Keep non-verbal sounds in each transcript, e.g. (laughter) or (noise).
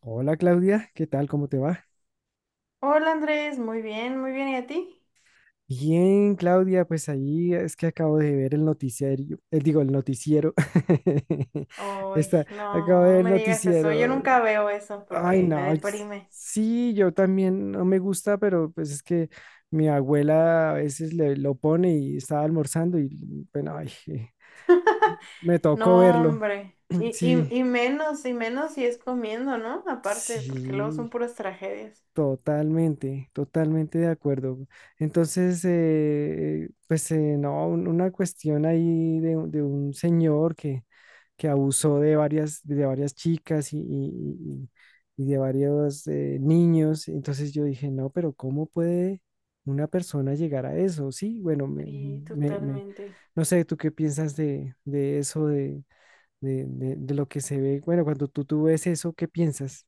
Hola Claudia, ¿qué tal? ¿Cómo te va? Hola Andrés, muy bien, ¿y a ti? Bien, Claudia, pues ahí es que acabo de ver el noticiario, digo, el noticiero. (laughs) Ay, Está, acabo de no, ver no el me digas eso, yo noticiero. nunca veo eso Ay, porque me no, deprime. sí, yo también no me gusta, pero pues es que mi abuela a veces lo pone y estaba almorzando y bueno, ay, (laughs) me tocó No, verlo. hombre, (clears throat) y, y, Sí, y menos, y menos si es comiendo, ¿no? Aparte, porque luego son sí. puras tragedias. Totalmente, totalmente de acuerdo. Entonces, pues no, una cuestión ahí de, un señor que, que abusó de varias chicas y, y de varios niños. Entonces yo dije, no, pero ¿cómo puede una persona llegar a eso? Sí, bueno, Sí, me- me- totalmente. no sé, ¿tú qué piensas de eso, de lo que se ve? Bueno, cuando tú ves eso, ¿qué piensas?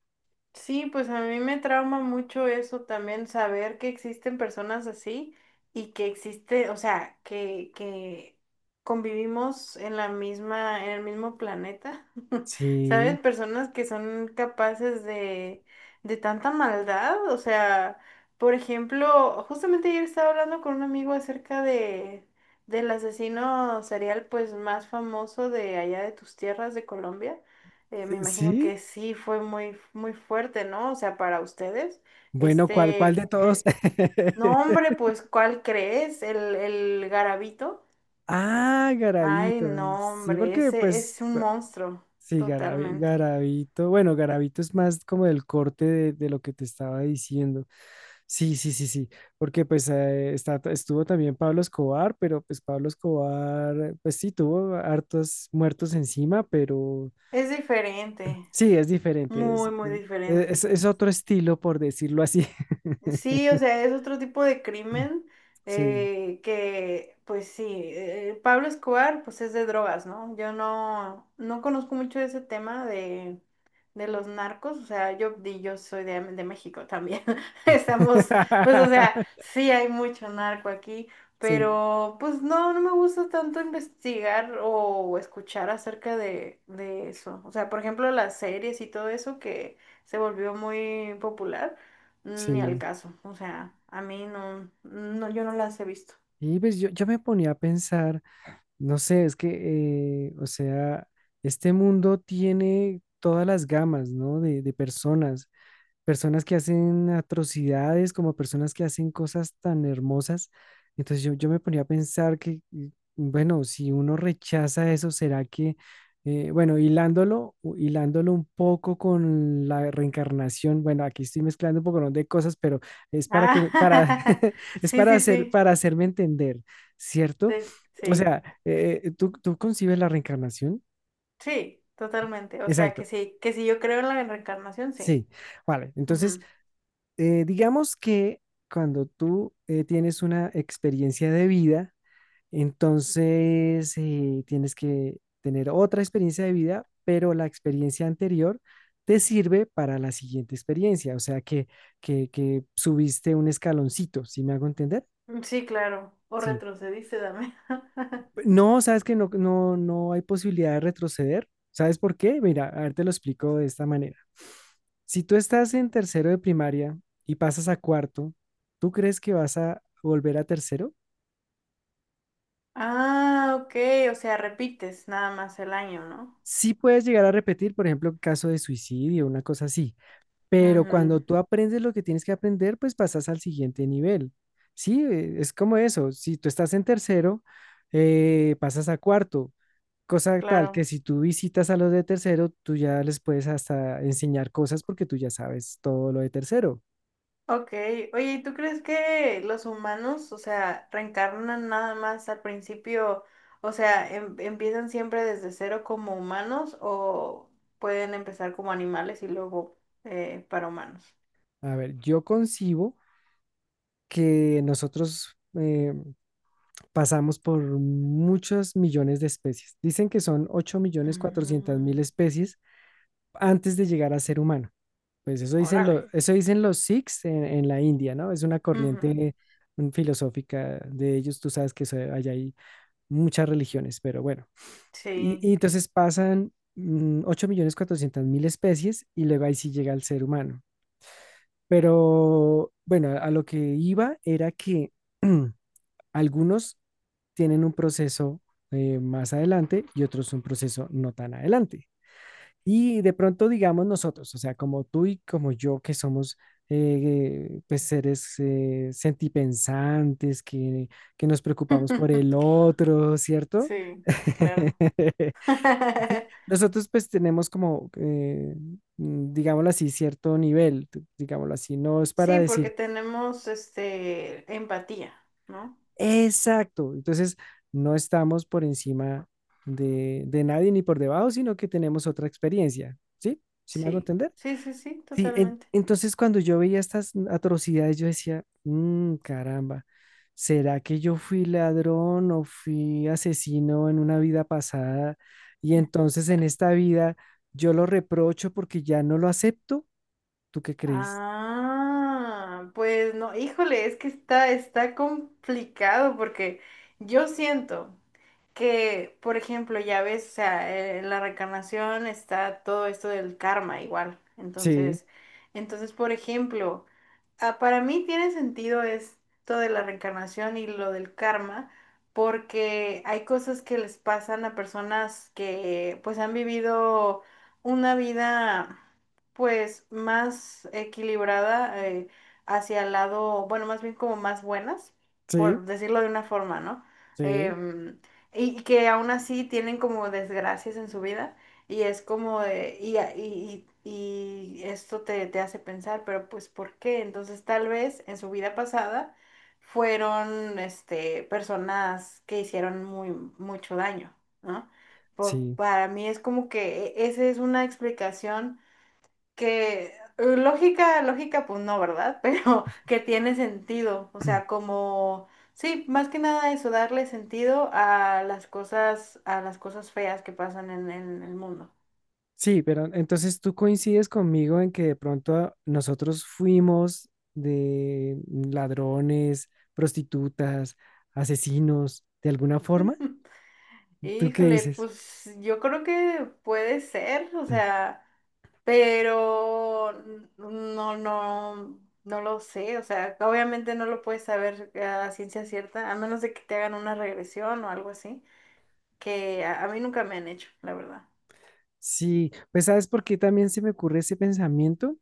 Sí, pues a mí me trauma mucho eso también, saber que existen personas así y que existe, o sea, que convivimos en la misma, en el mismo planeta, (laughs) ¿sabes? Sí, Personas que son capaces de tanta maldad, o sea, por ejemplo, justamente ayer estaba hablando con un amigo acerca de, del asesino serial, pues, más famoso de allá de tus tierras, de Colombia. Me imagino sí. que sí fue muy, muy fuerte, ¿no? O sea, para ustedes. Bueno, ¿cuál, cuál de Este, todos? No, (laughs) hombre, pues, ¿cuál crees? El garabito. Ah, Ay, Garabito. no, Sí, hombre, porque ese pues, es un monstruo, sí, totalmente. Garabito. Bueno, Garabito es más como del corte de lo que te estaba diciendo. Sí, sí, sí, sí. Porque pues está, estuvo también Pablo Escobar, pero pues Pablo Escobar, pues sí, tuvo hartos muertos encima, pero Es diferente, sí, es diferente. muy, muy diferente. Es otro estilo, por decirlo así. (laughs) Sí, o sea, es otro tipo de crimen Sí. Que, pues sí, Pablo Escobar, pues es de drogas, ¿no? Yo no, no conozco mucho de ese tema de los narcos, o sea, yo, y yo soy de México también, (laughs) estamos, pues o sea, (laughs) sí hay mucho narco aquí, Sí, pero pues no, no me gusta tanto investigar o escuchar acerca de eso, o sea, por ejemplo, las series y todo eso que se volvió muy popular. Ni al sí. caso, o sea, a mí no, no, yo no las he visto. Y pues yo me ponía a pensar, no sé, es que, o sea, este mundo tiene todas las gamas, ¿no? De, personas que hacen atrocidades, como personas que hacen cosas tan hermosas. Entonces yo me ponía a pensar que, bueno, si uno rechaza eso, ¿será que, bueno, hilándolo, hilándolo un poco con la reencarnación, bueno, aquí estoy mezclando un poco, ¿no?, de cosas, pero es para que, para, Ah, (laughs) (laughs) es sí, para sí, hacer, sí, para hacerme entender, sí, ¿cierto? O sí, sea, ¿tú, tú concibes la reencarnación? sí, totalmente. O sea, Exacto, que sí, que si yo creo en la reencarnación, sí. sí. Vale, entonces digamos que cuando tú tienes una experiencia de vida, entonces tienes que tener otra experiencia de vida, pero la experiencia anterior te sirve para la siguiente experiencia, o sea que, que subiste un escaloncito, ¿sí me hago entender? Ujú. Sí, claro. O Sí. retrocediste también. (laughs) No, sabes que no, no, no hay posibilidad de retroceder. ¿Sabes por qué? Mira, a ver, te lo explico de esta manera. Si tú estás en tercero de primaria y pasas a cuarto, ¿tú crees que vas a volver a tercero? Ah, ok, o sea, repites nada más el año, ¿no? Sí puedes llegar a repetir, por ejemplo, caso de suicidio, una cosa así, pero cuando Ujú, tú aprendes lo que tienes que aprender, pues pasas al siguiente nivel. Sí, es como eso. Si tú estás en tercero, pasas a cuarto. Cosa tal que claro. si tú visitas a los de tercero, tú ya les puedes hasta enseñar cosas porque tú ya sabes todo lo de tercero. Ok, oye, ¿y ¿tú crees que los humanos, o sea, reencarnan nada más al principio, o sea, empiezan siempre desde cero como humanos o pueden empezar como animales y luego para humanos? A ver, yo concibo que nosotros pasamos por muchos millones de especies. Dicen que son 8.400.000 Mm, especies antes de llegar a ser humano. Pues eso dicen, órale. Eso dicen los Sikhs en la India, ¿no? Es una Ujú, corriente filosófica de ellos. Tú sabes que allá hay muchas religiones, pero bueno. Sí. Y entonces pasan 8.400.000 especies y luego ahí sí llega el ser humano. Pero bueno, a lo que iba era que (clears throat) algunos tienen un proceso más adelante y otros un proceso no tan adelante. Y de pronto, digamos nosotros, o sea, como tú y como yo, que somos pues seres sentipensantes, que nos preocupamos por el (laughs) otro, ¿cierto? Sí, sí, claro. (laughs) Sí, (laughs) nosotros pues tenemos como, digámoslo así, cierto nivel, digámoslo así, no es para Sí, porque decir tenemos este empatía, ¿no? exacto, entonces no estamos por encima de nadie ni por debajo, sino que tenemos otra experiencia, ¿sí? ¿Sí me hago Sí, entender? sí, sí, sí, Sí, totalmente. entonces cuando yo veía estas atrocidades, yo decía, "Mm, caramba, ¿será que yo fui ladrón o fui asesino en una vida pasada? Y entonces en esta vida yo lo reprocho porque ya no lo acepto. ¿Tú qué crees?" Ah, pues no, híjole, es que está, está complicado porque yo siento que, por ejemplo, ya ves, o sea, en la reencarnación está todo esto del karma igual. Sí, Entonces, entonces, por ejemplo, para mí tiene sentido esto de la reencarnación y lo del karma, porque hay cosas que les pasan a personas que pues han vivido una vida pues más equilibrada hacia el lado, bueno, más bien como más buenas, sí, por decirlo de una forma, ¿no? sí, Em, y que aún así tienen como desgracias en su vida y es como de, y esto te, te hace pensar, pero pues ¿por qué? Entonces tal vez en su vida pasada fueron este, personas que hicieron muy, mucho daño, ¿no? Sí. Para mí es como que esa es una explicación que lógica, lógica, pues no, ¿verdad? (laughs) Pero que tiene sentido, o sea, (clears throat) como, sí, más que nada eso, darle sentido a las cosas feas que pasan en el mundo. Sí, pero entonces tú coincides conmigo en que de pronto nosotros fuimos de ladrones, prostitutas, asesinos, de alguna forma. ¿Tú qué Híjole, dices? pues yo creo que puede ser, o Mm. sea, pero no, no, no lo sé, o sea, obviamente no lo puedes saber a ciencia cierta, a menos de que te hagan una regresión o algo así, que a mí nunca me han hecho, la verdad. Sí, pues sabes por qué también se me ocurre ese pensamiento,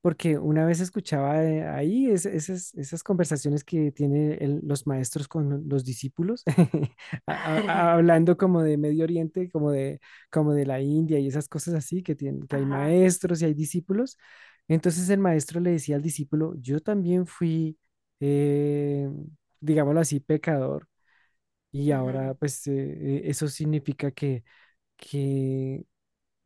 porque una vez escuchaba ahí esas, esas conversaciones que tienen los maestros con los discípulos, (laughs) (laughs) hablando como de Medio Oriente, como de la India y esas cosas así, que, tienen, que hay Ajá. maestros y hay discípulos. Entonces el maestro le decía al discípulo, yo también fui, eh, digámoslo así, pecador, y Ujú, ahora pues eso significa que que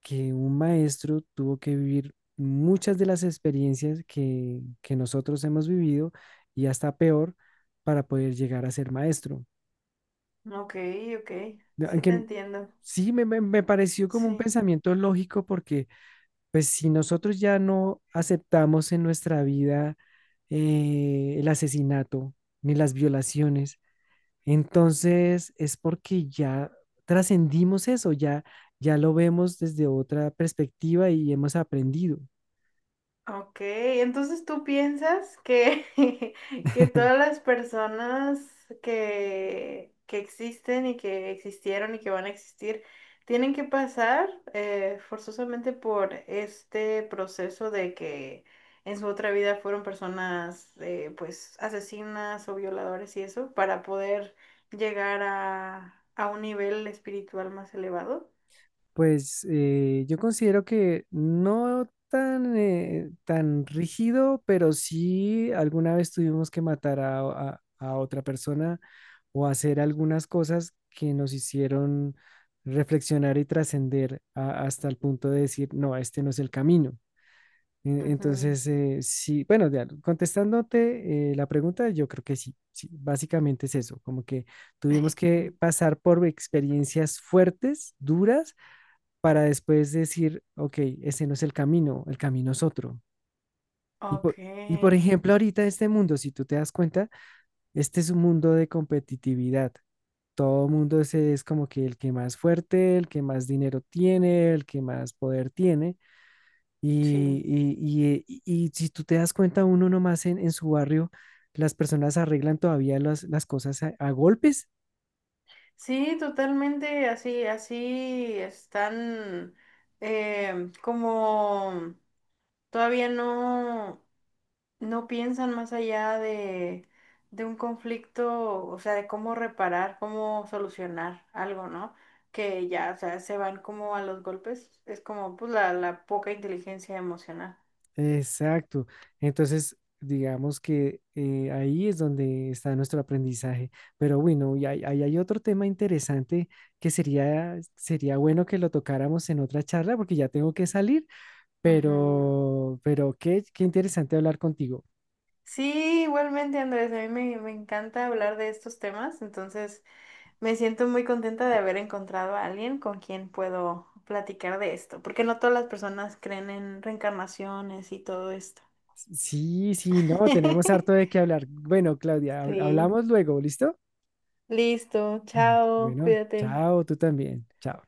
que un maestro tuvo que vivir muchas de las experiencias que nosotros hemos vivido y hasta peor para poder llegar a ser maestro. ok, ok. Sí te Aunque entiendo. sí me pareció como un Sí. pensamiento lógico porque pues si nosotros ya no aceptamos en nuestra vida el asesinato ni las violaciones, entonces es porque ya trascendimos eso, ya, ya lo vemos desde otra perspectiva y hemos aprendido. Ok, entonces tú piensas que, (laughs) que todas las personas que existen y que existieron y que van a existir tienen que pasar forzosamente por este proceso de que en su otra vida fueron personas pues asesinas o violadores y eso para poder llegar a un nivel espiritual más elevado. Pues yo considero que no tan, tan rígido, pero sí alguna vez tuvimos que matar a, a otra persona o hacer algunas cosas que nos hicieron reflexionar y trascender hasta el punto de decir, no, este no es el camino. Ujú. Entonces, sí, bueno, de contestándote la pregunta, yo creo que sí, sí, básicamente es eso, como que tuvimos que (laughs) pasar por experiencias fuertes, duras para después decir, ok, ese no es el camino es otro. Y por, Ok, y por ejemplo, ahorita este mundo, si tú te das cuenta, este es un mundo de competitividad. Todo mundo es como que el que más fuerte, el que más dinero tiene, el que más poder tiene. Y, sí. y- y- y- y si tú te das cuenta, uno nomás en su barrio, las personas arreglan todavía las cosas a golpes. Sí, totalmente, así, así están como todavía no, no piensan más allá de un conflicto, o sea, de cómo reparar, cómo solucionar algo, ¿no? Que ya, o sea, se van como a los golpes, es como pues la poca inteligencia emocional. Exacto. Entonces, digamos que ahí es donde está nuestro aprendizaje. Pero bueno, ahí hay otro tema interesante que sería bueno que lo tocáramos en otra charla porque ya tengo que salir, Ujú. Pero qué, qué interesante hablar contigo. Sí, igualmente, Andrés, a mí me, me encanta hablar de estos temas, entonces me siento muy contenta de haber encontrado a alguien con quien puedo platicar de esto, porque no todas las personas creen en reencarnaciones y todo esto. Sí, sí, no, tenemos harto de (laughs) qué hablar. Bueno, Claudia, Sí. hablamos luego, ¿listo? Listo, chao, Bueno, cuídate. chao, tú también. Chao.